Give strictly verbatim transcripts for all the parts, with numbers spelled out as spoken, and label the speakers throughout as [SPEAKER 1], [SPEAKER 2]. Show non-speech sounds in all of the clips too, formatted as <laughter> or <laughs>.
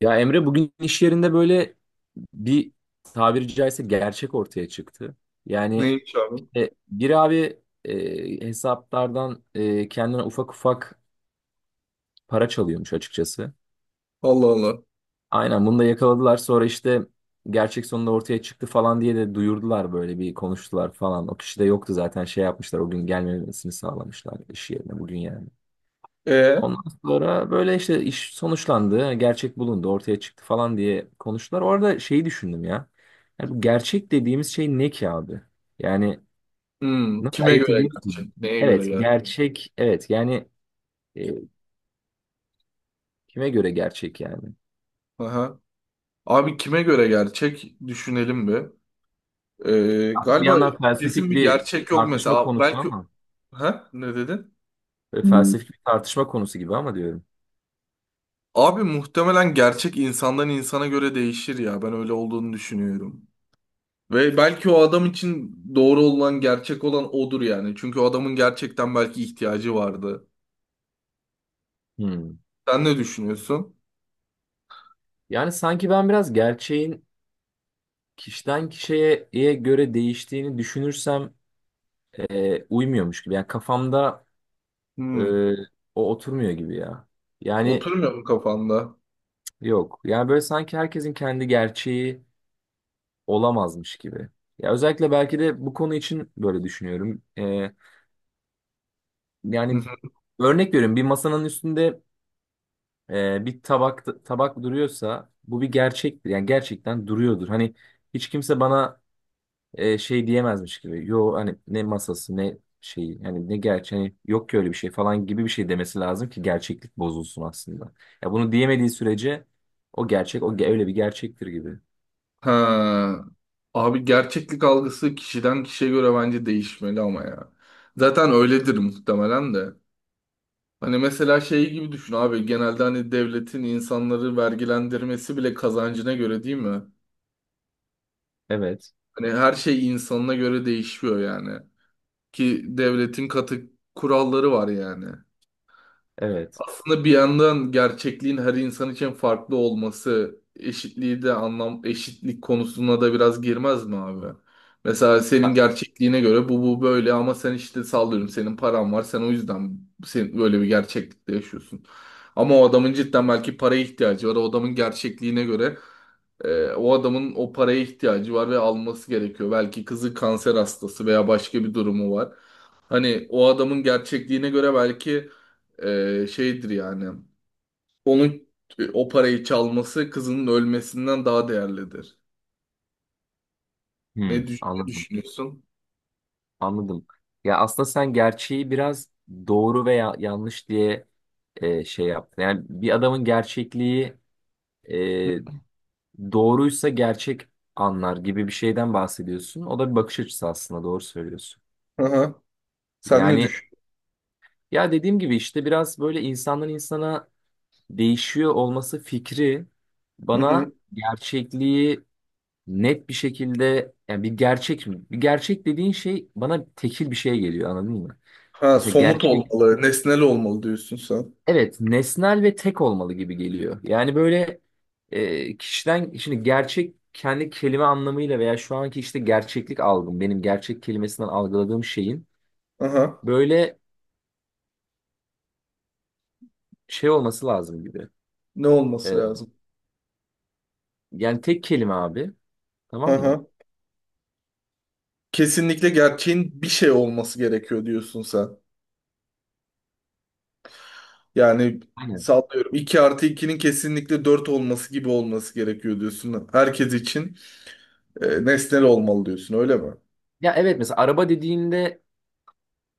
[SPEAKER 1] Ya Emre bugün iş yerinde böyle bir tabiri caizse gerçek ortaya çıktı. Yani
[SPEAKER 2] Neymiş abi?
[SPEAKER 1] e, bir abi e, hesaplardan e, kendine ufak ufak para çalıyormuş açıkçası.
[SPEAKER 2] Allah Allah.
[SPEAKER 1] Aynen bunu da yakaladılar, sonra işte gerçek sonunda ortaya çıktı falan diye de duyurdular, böyle bir konuştular falan. O kişi de yoktu zaten, şey yapmışlar, o gün gelmemesini sağlamışlar iş yerine bugün yani.
[SPEAKER 2] E,
[SPEAKER 1] Ondan sonra böyle işte iş sonuçlandı, gerçek bulundu, ortaya çıktı falan diye konuştular. Orada şeyi düşündüm ya. Yani bu gerçek dediğimiz şey ne ki abi? Yani
[SPEAKER 2] hmm,
[SPEAKER 1] nasıl
[SPEAKER 2] kime
[SPEAKER 1] ayırt
[SPEAKER 2] göre
[SPEAKER 1] ediyoruz ki?
[SPEAKER 2] gerçek? Neye göre
[SPEAKER 1] Evet,
[SPEAKER 2] gerçek?
[SPEAKER 1] gerçek, evet. Yani e, kime göre gerçek yani?
[SPEAKER 2] Aha. Abi kime göre gerçek? Düşünelim bir. Ee,
[SPEAKER 1] Aslında bir
[SPEAKER 2] galiba
[SPEAKER 1] yandan
[SPEAKER 2] kesin
[SPEAKER 1] felsefik
[SPEAKER 2] bir
[SPEAKER 1] bir
[SPEAKER 2] gerçek yok
[SPEAKER 1] tartışma
[SPEAKER 2] mesela.
[SPEAKER 1] konusu,
[SPEAKER 2] Belki.
[SPEAKER 1] ama
[SPEAKER 2] Ha, ne dedin?
[SPEAKER 1] böyle
[SPEAKER 2] Hmm.
[SPEAKER 1] felsefik bir tartışma konusu gibi ama diyorum.
[SPEAKER 2] Abi muhtemelen gerçek insandan insana göre değişir ya. Ben öyle olduğunu düşünüyorum. Ve belki o adam için doğru olan, gerçek olan odur yani. Çünkü o adamın gerçekten belki ihtiyacı vardı.
[SPEAKER 1] Hmm.
[SPEAKER 2] Sen ne düşünüyorsun?
[SPEAKER 1] Yani sanki ben biraz gerçeğin kişiden kişiye göre değiştiğini düşünürsem e, uymuyormuş gibi. Yani kafamda
[SPEAKER 2] Hmm.
[SPEAKER 1] Ee, o oturmuyor gibi ya. Yani
[SPEAKER 2] Oturmuyor mu kafanda?
[SPEAKER 1] yok. Yani böyle sanki herkesin kendi gerçeği olamazmış gibi. Ya özellikle belki de bu konu için böyle düşünüyorum. Ee,
[SPEAKER 2] Hı
[SPEAKER 1] yani
[SPEAKER 2] hı.
[SPEAKER 1] örnek veriyorum, bir masanın üstünde e, bir tabak tabak duruyorsa bu bir gerçektir. Yani gerçekten duruyordur. Hani hiç kimse bana e, şey diyemezmiş gibi. Yo, hani ne masası ne şeyi, hani ne gerçeği, hani yok ki öyle bir şey falan gibi bir şey demesi lazım ki gerçeklik bozulsun aslında. Ya bunu diyemediği sürece o gerçek o ge- öyle bir gerçektir gibi.
[SPEAKER 2] Ha. Abi gerçeklik algısı kişiden kişiye göre bence değişmeli ama ya. Zaten öyledir muhtemelen de. Hani mesela şey gibi düşün abi, genelde hani devletin insanları vergilendirmesi bile kazancına göre değil mi?
[SPEAKER 1] Evet.
[SPEAKER 2] Hani her şey insanına göre değişiyor yani. Ki devletin katı kuralları var yani.
[SPEAKER 1] Evet.
[SPEAKER 2] Aslında bir yandan gerçekliğin her insan için farklı olması eşitliği de anlam, eşitlik konusuna da biraz girmez mi abi? Mesela senin
[SPEAKER 1] Ha,
[SPEAKER 2] gerçekliğine göre bu bu böyle, ama sen işte sallıyorum, senin paran var, sen o yüzden sen böyle bir gerçeklikte yaşıyorsun. Ama o adamın cidden belki paraya ihtiyacı var. O adamın gerçekliğine göre e, o adamın o paraya ihtiyacı var ve alması gerekiyor. Belki kızı kanser hastası veya başka bir durumu var. Hani o adamın gerçekliğine göre belki e, şeydir yani. Onun e, o parayı çalması kızının ölmesinden daha değerlidir. Ne,
[SPEAKER 1] hmm,
[SPEAKER 2] düş- ne
[SPEAKER 1] anladım.
[SPEAKER 2] düşünüyorsun?
[SPEAKER 1] Anladım. Ya aslında sen gerçeği biraz doğru veya yanlış diye e, şey yaptın. Yani bir adamın gerçekliği e, doğruysa gerçek anlar gibi bir şeyden bahsediyorsun. O da bir bakış açısı, aslında doğru söylüyorsun.
[SPEAKER 2] Hı hı. Sen ne
[SPEAKER 1] Yani
[SPEAKER 2] düşünüyorsun?
[SPEAKER 1] Ya dediğim gibi işte biraz böyle insandan insana değişiyor olması fikri
[SPEAKER 2] Hı hı.
[SPEAKER 1] bana gerçekliği net bir şekilde, yani bir gerçek mi? Bir gerçek dediğin şey bana tekil bir şey geliyor, anladın mı?
[SPEAKER 2] Ha,
[SPEAKER 1] Mesela
[SPEAKER 2] somut
[SPEAKER 1] gerçek,
[SPEAKER 2] olmalı, nesnel olmalı diyorsun sen.
[SPEAKER 1] evet, nesnel ve tek olmalı gibi geliyor. Yani böyle e, kişiden şimdi gerçek kendi kelime anlamıyla veya şu anki işte gerçeklik algım, benim gerçek kelimesinden algıladığım şeyin
[SPEAKER 2] Aha.
[SPEAKER 1] böyle şey olması lazım gibi.
[SPEAKER 2] Ne olması
[SPEAKER 1] E,
[SPEAKER 2] lazım?
[SPEAKER 1] yani tek kelime abi, tamam mı?
[SPEAKER 2] Aha. Kesinlikle gerçeğin bir şey olması gerekiyor diyorsun sen. Yani
[SPEAKER 1] Aynen.
[SPEAKER 2] sallıyorum, iki artı ikinin kesinlikle dört olması gibi olması gerekiyor diyorsun. Herkes için e, nesnel olmalı diyorsun öyle mi?
[SPEAKER 1] Ya evet, mesela araba dediğinde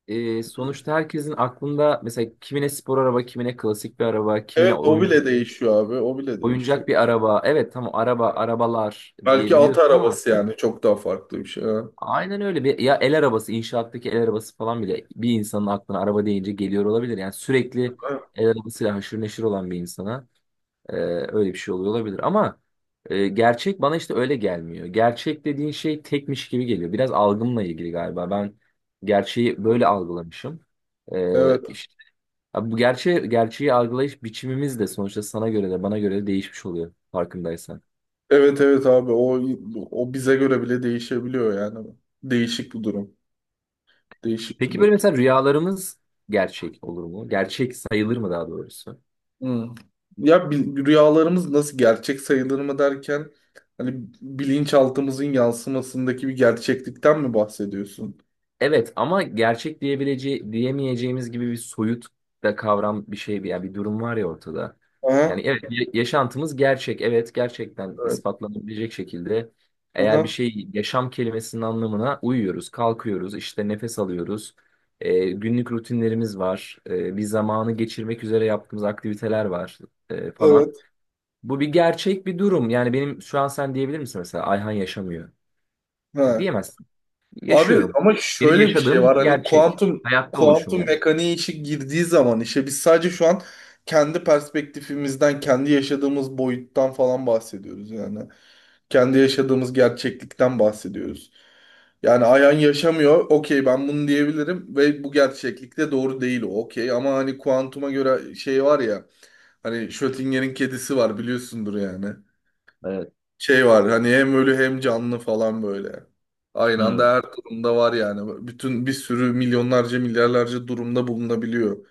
[SPEAKER 1] e, sonuçta herkesin aklında mesela kimine spor araba, kimine klasik bir araba, kimine
[SPEAKER 2] Evet o bile
[SPEAKER 1] oyuncak,
[SPEAKER 2] değişiyor abi, o bile değişiyor.
[SPEAKER 1] oyuncak bir araba. Evet, tamam, araba, arabalar
[SPEAKER 2] Belki at
[SPEAKER 1] diyebiliyorsun ama
[SPEAKER 2] arabası yani, çok daha farklı bir şey. Ha.
[SPEAKER 1] aynen öyle, bir ya el arabası, inşaattaki el arabası falan bile bir insanın aklına araba deyince geliyor olabilir. Yani sürekli
[SPEAKER 2] Evet.
[SPEAKER 1] el arabasıyla haşır neşir olan bir insana. Ee, öyle bir şey oluyor olabilir ama e, gerçek bana işte öyle gelmiyor. Gerçek dediğin şey tekmiş gibi geliyor. Biraz algımla ilgili galiba. Ben gerçeği böyle algılamışım. Ee,
[SPEAKER 2] Evet.
[SPEAKER 1] işte, abi bu gerçeği, gerçeği algılayış biçimimiz de sonuçta sana göre de bana göre de değişmiş oluyor, farkındaysan.
[SPEAKER 2] Evet evet abi, o o bize göre bile değişebiliyor yani. Değişik bir durum. Değişik bir
[SPEAKER 1] Peki böyle
[SPEAKER 2] durum.
[SPEAKER 1] mesela rüyalarımız gerçek olur mu? Gerçek sayılır mı daha doğrusu?
[SPEAKER 2] Hmm. Ya, bil- rüyalarımız nasıl gerçek sayılır mı derken hani bilinçaltımızın yansımasındaki bir gerçeklikten mi bahsediyorsun?
[SPEAKER 1] Evet ama gerçek diyebileceği diyemeyeceğimiz gibi bir soyut da kavram, bir şey, bir yani bir durum var ya ortada. Yani
[SPEAKER 2] Aha.
[SPEAKER 1] evet, ya- yaşantımız gerçek, evet, gerçekten
[SPEAKER 2] Evet.
[SPEAKER 1] ispatlanabilecek şekilde eğer bir
[SPEAKER 2] Aha.
[SPEAKER 1] şey, yaşam kelimesinin anlamına uyuyoruz, kalkıyoruz, işte nefes alıyoruz. E, günlük rutinlerimiz var. E, bir zamanı geçirmek üzere yaptığımız aktiviteler var e, falan.
[SPEAKER 2] Evet.
[SPEAKER 1] Bu bir gerçek bir durum. Yani benim şu an, sen diyebilir misin mesela Ayhan yaşamıyor. Yani
[SPEAKER 2] Ha.
[SPEAKER 1] diyemezsin.
[SPEAKER 2] Abi
[SPEAKER 1] Yaşıyorum.
[SPEAKER 2] ama
[SPEAKER 1] Benim
[SPEAKER 2] şöyle bir şey
[SPEAKER 1] yaşadığım bir
[SPEAKER 2] var, hani
[SPEAKER 1] gerçek.
[SPEAKER 2] kuantum
[SPEAKER 1] Hayatta oluşum
[SPEAKER 2] kuantum
[SPEAKER 1] yani.
[SPEAKER 2] mekaniği işi girdiği zaman işe, biz sadece şu an kendi perspektifimizden, kendi yaşadığımız boyuttan falan bahsediyoruz yani. Kendi yaşadığımız gerçeklikten bahsediyoruz. Yani Ayhan yaşamıyor, okey, ben bunu diyebilirim ve bu gerçeklikte doğru değil o, okey, ama hani kuantuma göre şey var ya, hani Schrödinger'in kedisi var biliyorsundur yani,
[SPEAKER 1] Evet.
[SPEAKER 2] şey var hani hem ölü hem canlı falan böyle. Aynı
[SPEAKER 1] Hmm.
[SPEAKER 2] anda her durumda var yani. Bütün bir sürü milyonlarca milyarlarca durumda bulunabiliyor.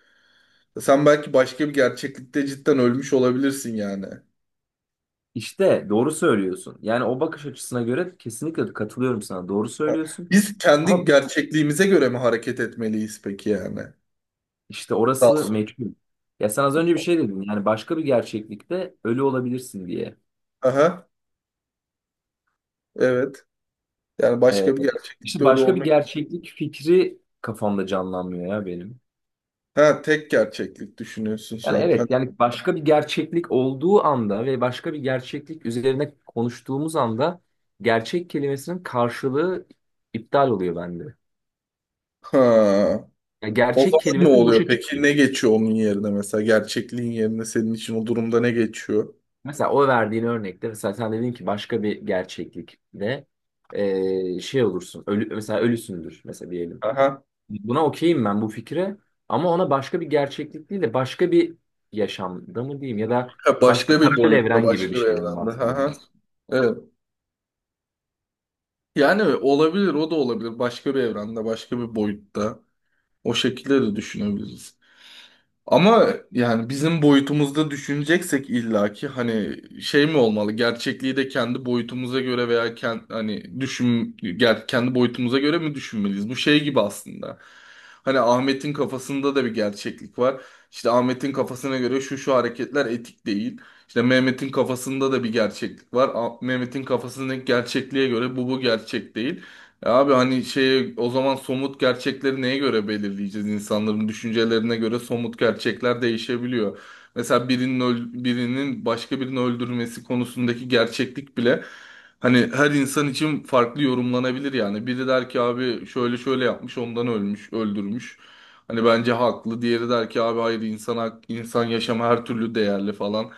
[SPEAKER 2] Sen belki başka bir gerçeklikte cidden ölmüş olabilirsin yani.
[SPEAKER 1] İşte doğru söylüyorsun. Yani o bakış açısına göre kesinlikle katılıyorum sana. Doğru söylüyorsun.
[SPEAKER 2] Biz kendi
[SPEAKER 1] Ama
[SPEAKER 2] gerçekliğimize göre mi hareket etmeliyiz peki yani?
[SPEAKER 1] işte
[SPEAKER 2] Sağ ol.
[SPEAKER 1] orası meçhul. Ya sen az önce bir şey dedin. Yani başka bir gerçeklikte ölü olabilirsin diye.
[SPEAKER 2] Aha, evet. Yani
[SPEAKER 1] Ee,
[SPEAKER 2] başka bir
[SPEAKER 1] işte
[SPEAKER 2] gerçeklikte öyle
[SPEAKER 1] başka bir
[SPEAKER 2] olmayı...
[SPEAKER 1] gerçeklik fikri kafamda canlanmıyor ya benim.
[SPEAKER 2] Ha, tek gerçeklik düşünüyorsun
[SPEAKER 1] Yani
[SPEAKER 2] sen. Ha.
[SPEAKER 1] evet, yani başka bir gerçeklik olduğu anda ve başka bir gerçeklik üzerine konuştuğumuz anda gerçek kelimesinin karşılığı iptal oluyor bende.
[SPEAKER 2] Ha.
[SPEAKER 1] Yani
[SPEAKER 2] O
[SPEAKER 1] gerçek
[SPEAKER 2] zaman ne
[SPEAKER 1] kelimesi
[SPEAKER 2] oluyor
[SPEAKER 1] boşa
[SPEAKER 2] peki?
[SPEAKER 1] çıkıyor.
[SPEAKER 2] Ne geçiyor onun yerine mesela? Gerçekliğin yerine senin için o durumda ne geçiyor?
[SPEAKER 1] Mesela o verdiğin örnekte, mesela sen dedin ki başka bir gerçeklikte eee, şey olursun, ölü, mesela ölüsündür mesela diyelim.
[SPEAKER 2] Aha.
[SPEAKER 1] Buna okeyim ben, bu fikre, ama ona başka bir gerçeklik değil de başka bir yaşamda mı diyeyim ya da
[SPEAKER 2] Ha,
[SPEAKER 1] başka
[SPEAKER 2] başka bir
[SPEAKER 1] paralel
[SPEAKER 2] boyutta,
[SPEAKER 1] evren gibi bir
[SPEAKER 2] başka bir
[SPEAKER 1] şeyden
[SPEAKER 2] evrende.
[SPEAKER 1] bahsediyorum.
[SPEAKER 2] Aha. Evet. Yani olabilir, o da olabilir. Başka bir evrende, başka bir boyutta. O şekilde de düşünebiliriz. Ama yani bizim boyutumuzda düşüneceksek illaki hani şey mi olmalı? Gerçekliği de kendi boyutumuza göre veya kend, hani düşün ger- kendi boyutumuza göre mi düşünmeliyiz? Bu şey gibi aslında. Hani Ahmet'in kafasında da bir gerçeklik var. İşte Ahmet'in kafasına göre şu şu hareketler etik değil. İşte Mehmet'in kafasında da bir gerçeklik var. Ah- Mehmet'in kafasındaki gerçekliğe göre bu bu gerçek değil. Ya abi, hani şey, o zaman somut gerçekleri neye göre belirleyeceğiz? İnsanların düşüncelerine göre somut gerçekler değişebiliyor. Mesela birinin öl- birinin başka birini öldürmesi konusundaki gerçeklik bile hani her insan için farklı yorumlanabilir yani. Biri der ki abi şöyle şöyle yapmış, ondan ölmüş, öldürmüş. Hani bence haklı. Diğeri der ki abi hayır, insan hak- insan yaşamı her türlü değerli falan.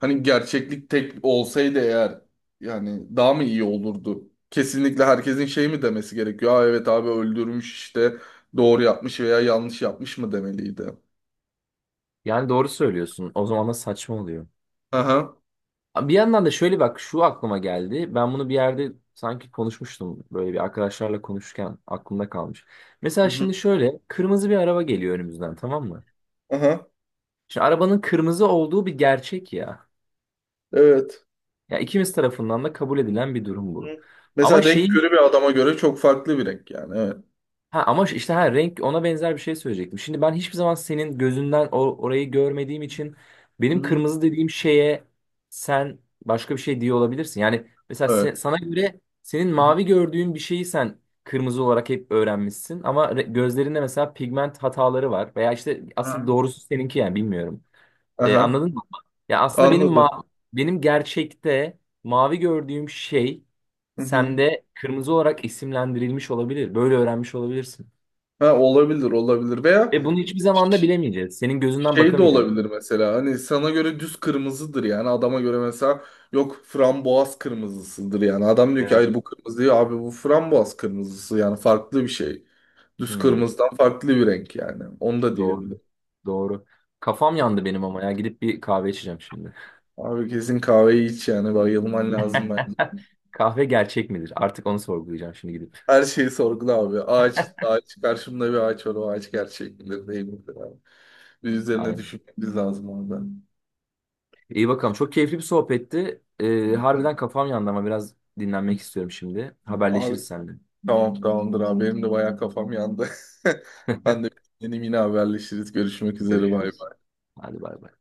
[SPEAKER 2] Hani gerçeklik tek olsaydı eğer yani daha mı iyi olurdu? Kesinlikle herkesin şey mi demesi gerekiyor? Aa evet abi öldürmüş işte, doğru yapmış veya yanlış yapmış mı demeliydi?
[SPEAKER 1] Yani doğru söylüyorsun. O zaman da saçma oluyor.
[SPEAKER 2] Aha.
[SPEAKER 1] Bir yandan da şöyle bak, şu aklıma geldi. Ben bunu bir yerde sanki konuşmuştum. Böyle bir arkadaşlarla konuşurken aklımda kalmış.
[SPEAKER 2] Hı
[SPEAKER 1] Mesela
[SPEAKER 2] hı.
[SPEAKER 1] şimdi şöyle kırmızı bir araba geliyor önümüzden, tamam mı?
[SPEAKER 2] Aha.
[SPEAKER 1] Şimdi arabanın kırmızı olduğu bir gerçek ya.
[SPEAKER 2] Evet.
[SPEAKER 1] Ya ikimiz tarafından da kabul edilen bir durum bu.
[SPEAKER 2] Hı.
[SPEAKER 1] Ama
[SPEAKER 2] Mesela renk
[SPEAKER 1] şeyi
[SPEAKER 2] körü bir adama göre çok farklı bir renk yani. Evet.
[SPEAKER 1] Ha ama işte, ha renk, ona benzer bir şey söyleyecektim. Şimdi ben hiçbir zaman senin gözünden o, orayı görmediğim için
[SPEAKER 2] Hı
[SPEAKER 1] benim
[SPEAKER 2] hı.
[SPEAKER 1] kırmızı dediğim şeye sen başka bir şey diye olabilirsin. Yani mesela se-
[SPEAKER 2] Evet.
[SPEAKER 1] sana göre, senin
[SPEAKER 2] Hı hı.
[SPEAKER 1] mavi gördüğün bir şeyi sen kırmızı olarak hep öğrenmişsin ama re- gözlerinde mesela pigment hataları var veya işte asıl doğrusu seninki, yani bilmiyorum. Ee,
[SPEAKER 2] Aha.
[SPEAKER 1] anladın mı? Ya aslında benim ma
[SPEAKER 2] Anladım.
[SPEAKER 1] Benim gerçekte mavi gördüğüm şey
[SPEAKER 2] Hı hı.
[SPEAKER 1] sende kırmızı olarak isimlendirilmiş olabilir. Böyle öğrenmiş olabilirsin.
[SPEAKER 2] Ha, olabilir olabilir veya
[SPEAKER 1] Ve bunu hiçbir zaman da bilemeyeceğiz. Senin gözünden
[SPEAKER 2] şey de
[SPEAKER 1] bakamayacağım.
[SPEAKER 2] olabilir, mesela hani sana göre düz kırmızıdır yani adama göre mesela yok frambuaz kırmızısıdır yani adam diyor ki
[SPEAKER 1] Evet.
[SPEAKER 2] hayır bu kırmızı değil abi, bu frambuaz kırmızısı yani farklı bir şey. Düz
[SPEAKER 1] Hmm,
[SPEAKER 2] kırmızıdan farklı bir renk yani, onu da
[SPEAKER 1] doğru.
[SPEAKER 2] diyebilir.
[SPEAKER 1] Doğru. Kafam yandı benim ama ya. Gidip bir kahve içeceğim şimdi.
[SPEAKER 2] Abi kesin kahveyi iç yani, bayılman lazım bence.
[SPEAKER 1] <laughs> Kahve gerçek midir? Artık onu sorgulayacağım şimdi gidip.
[SPEAKER 2] Her şeyi sorgula abi, ağaç ağaç karşımda bir ağaç var, o ağaç gerçek midir değil midir abi. Bir üzerine
[SPEAKER 1] Aynen.
[SPEAKER 2] düşünmemiz lazım orada.
[SPEAKER 1] İyi bakalım. Çok keyifli bir sohbetti. Ee,
[SPEAKER 2] Hı?
[SPEAKER 1] harbiden kafam yandı ama biraz dinlenmek istiyorum şimdi.
[SPEAKER 2] Abi,
[SPEAKER 1] Haberleşiriz seninle.
[SPEAKER 2] tamam, tamamdır abi. Benim de bayağı kafam yandı. <laughs> Ben de yeni yine haberleşiriz. Görüşmek üzere. Bay
[SPEAKER 1] Görüşürüz.
[SPEAKER 2] bay.
[SPEAKER 1] Hadi bay bay.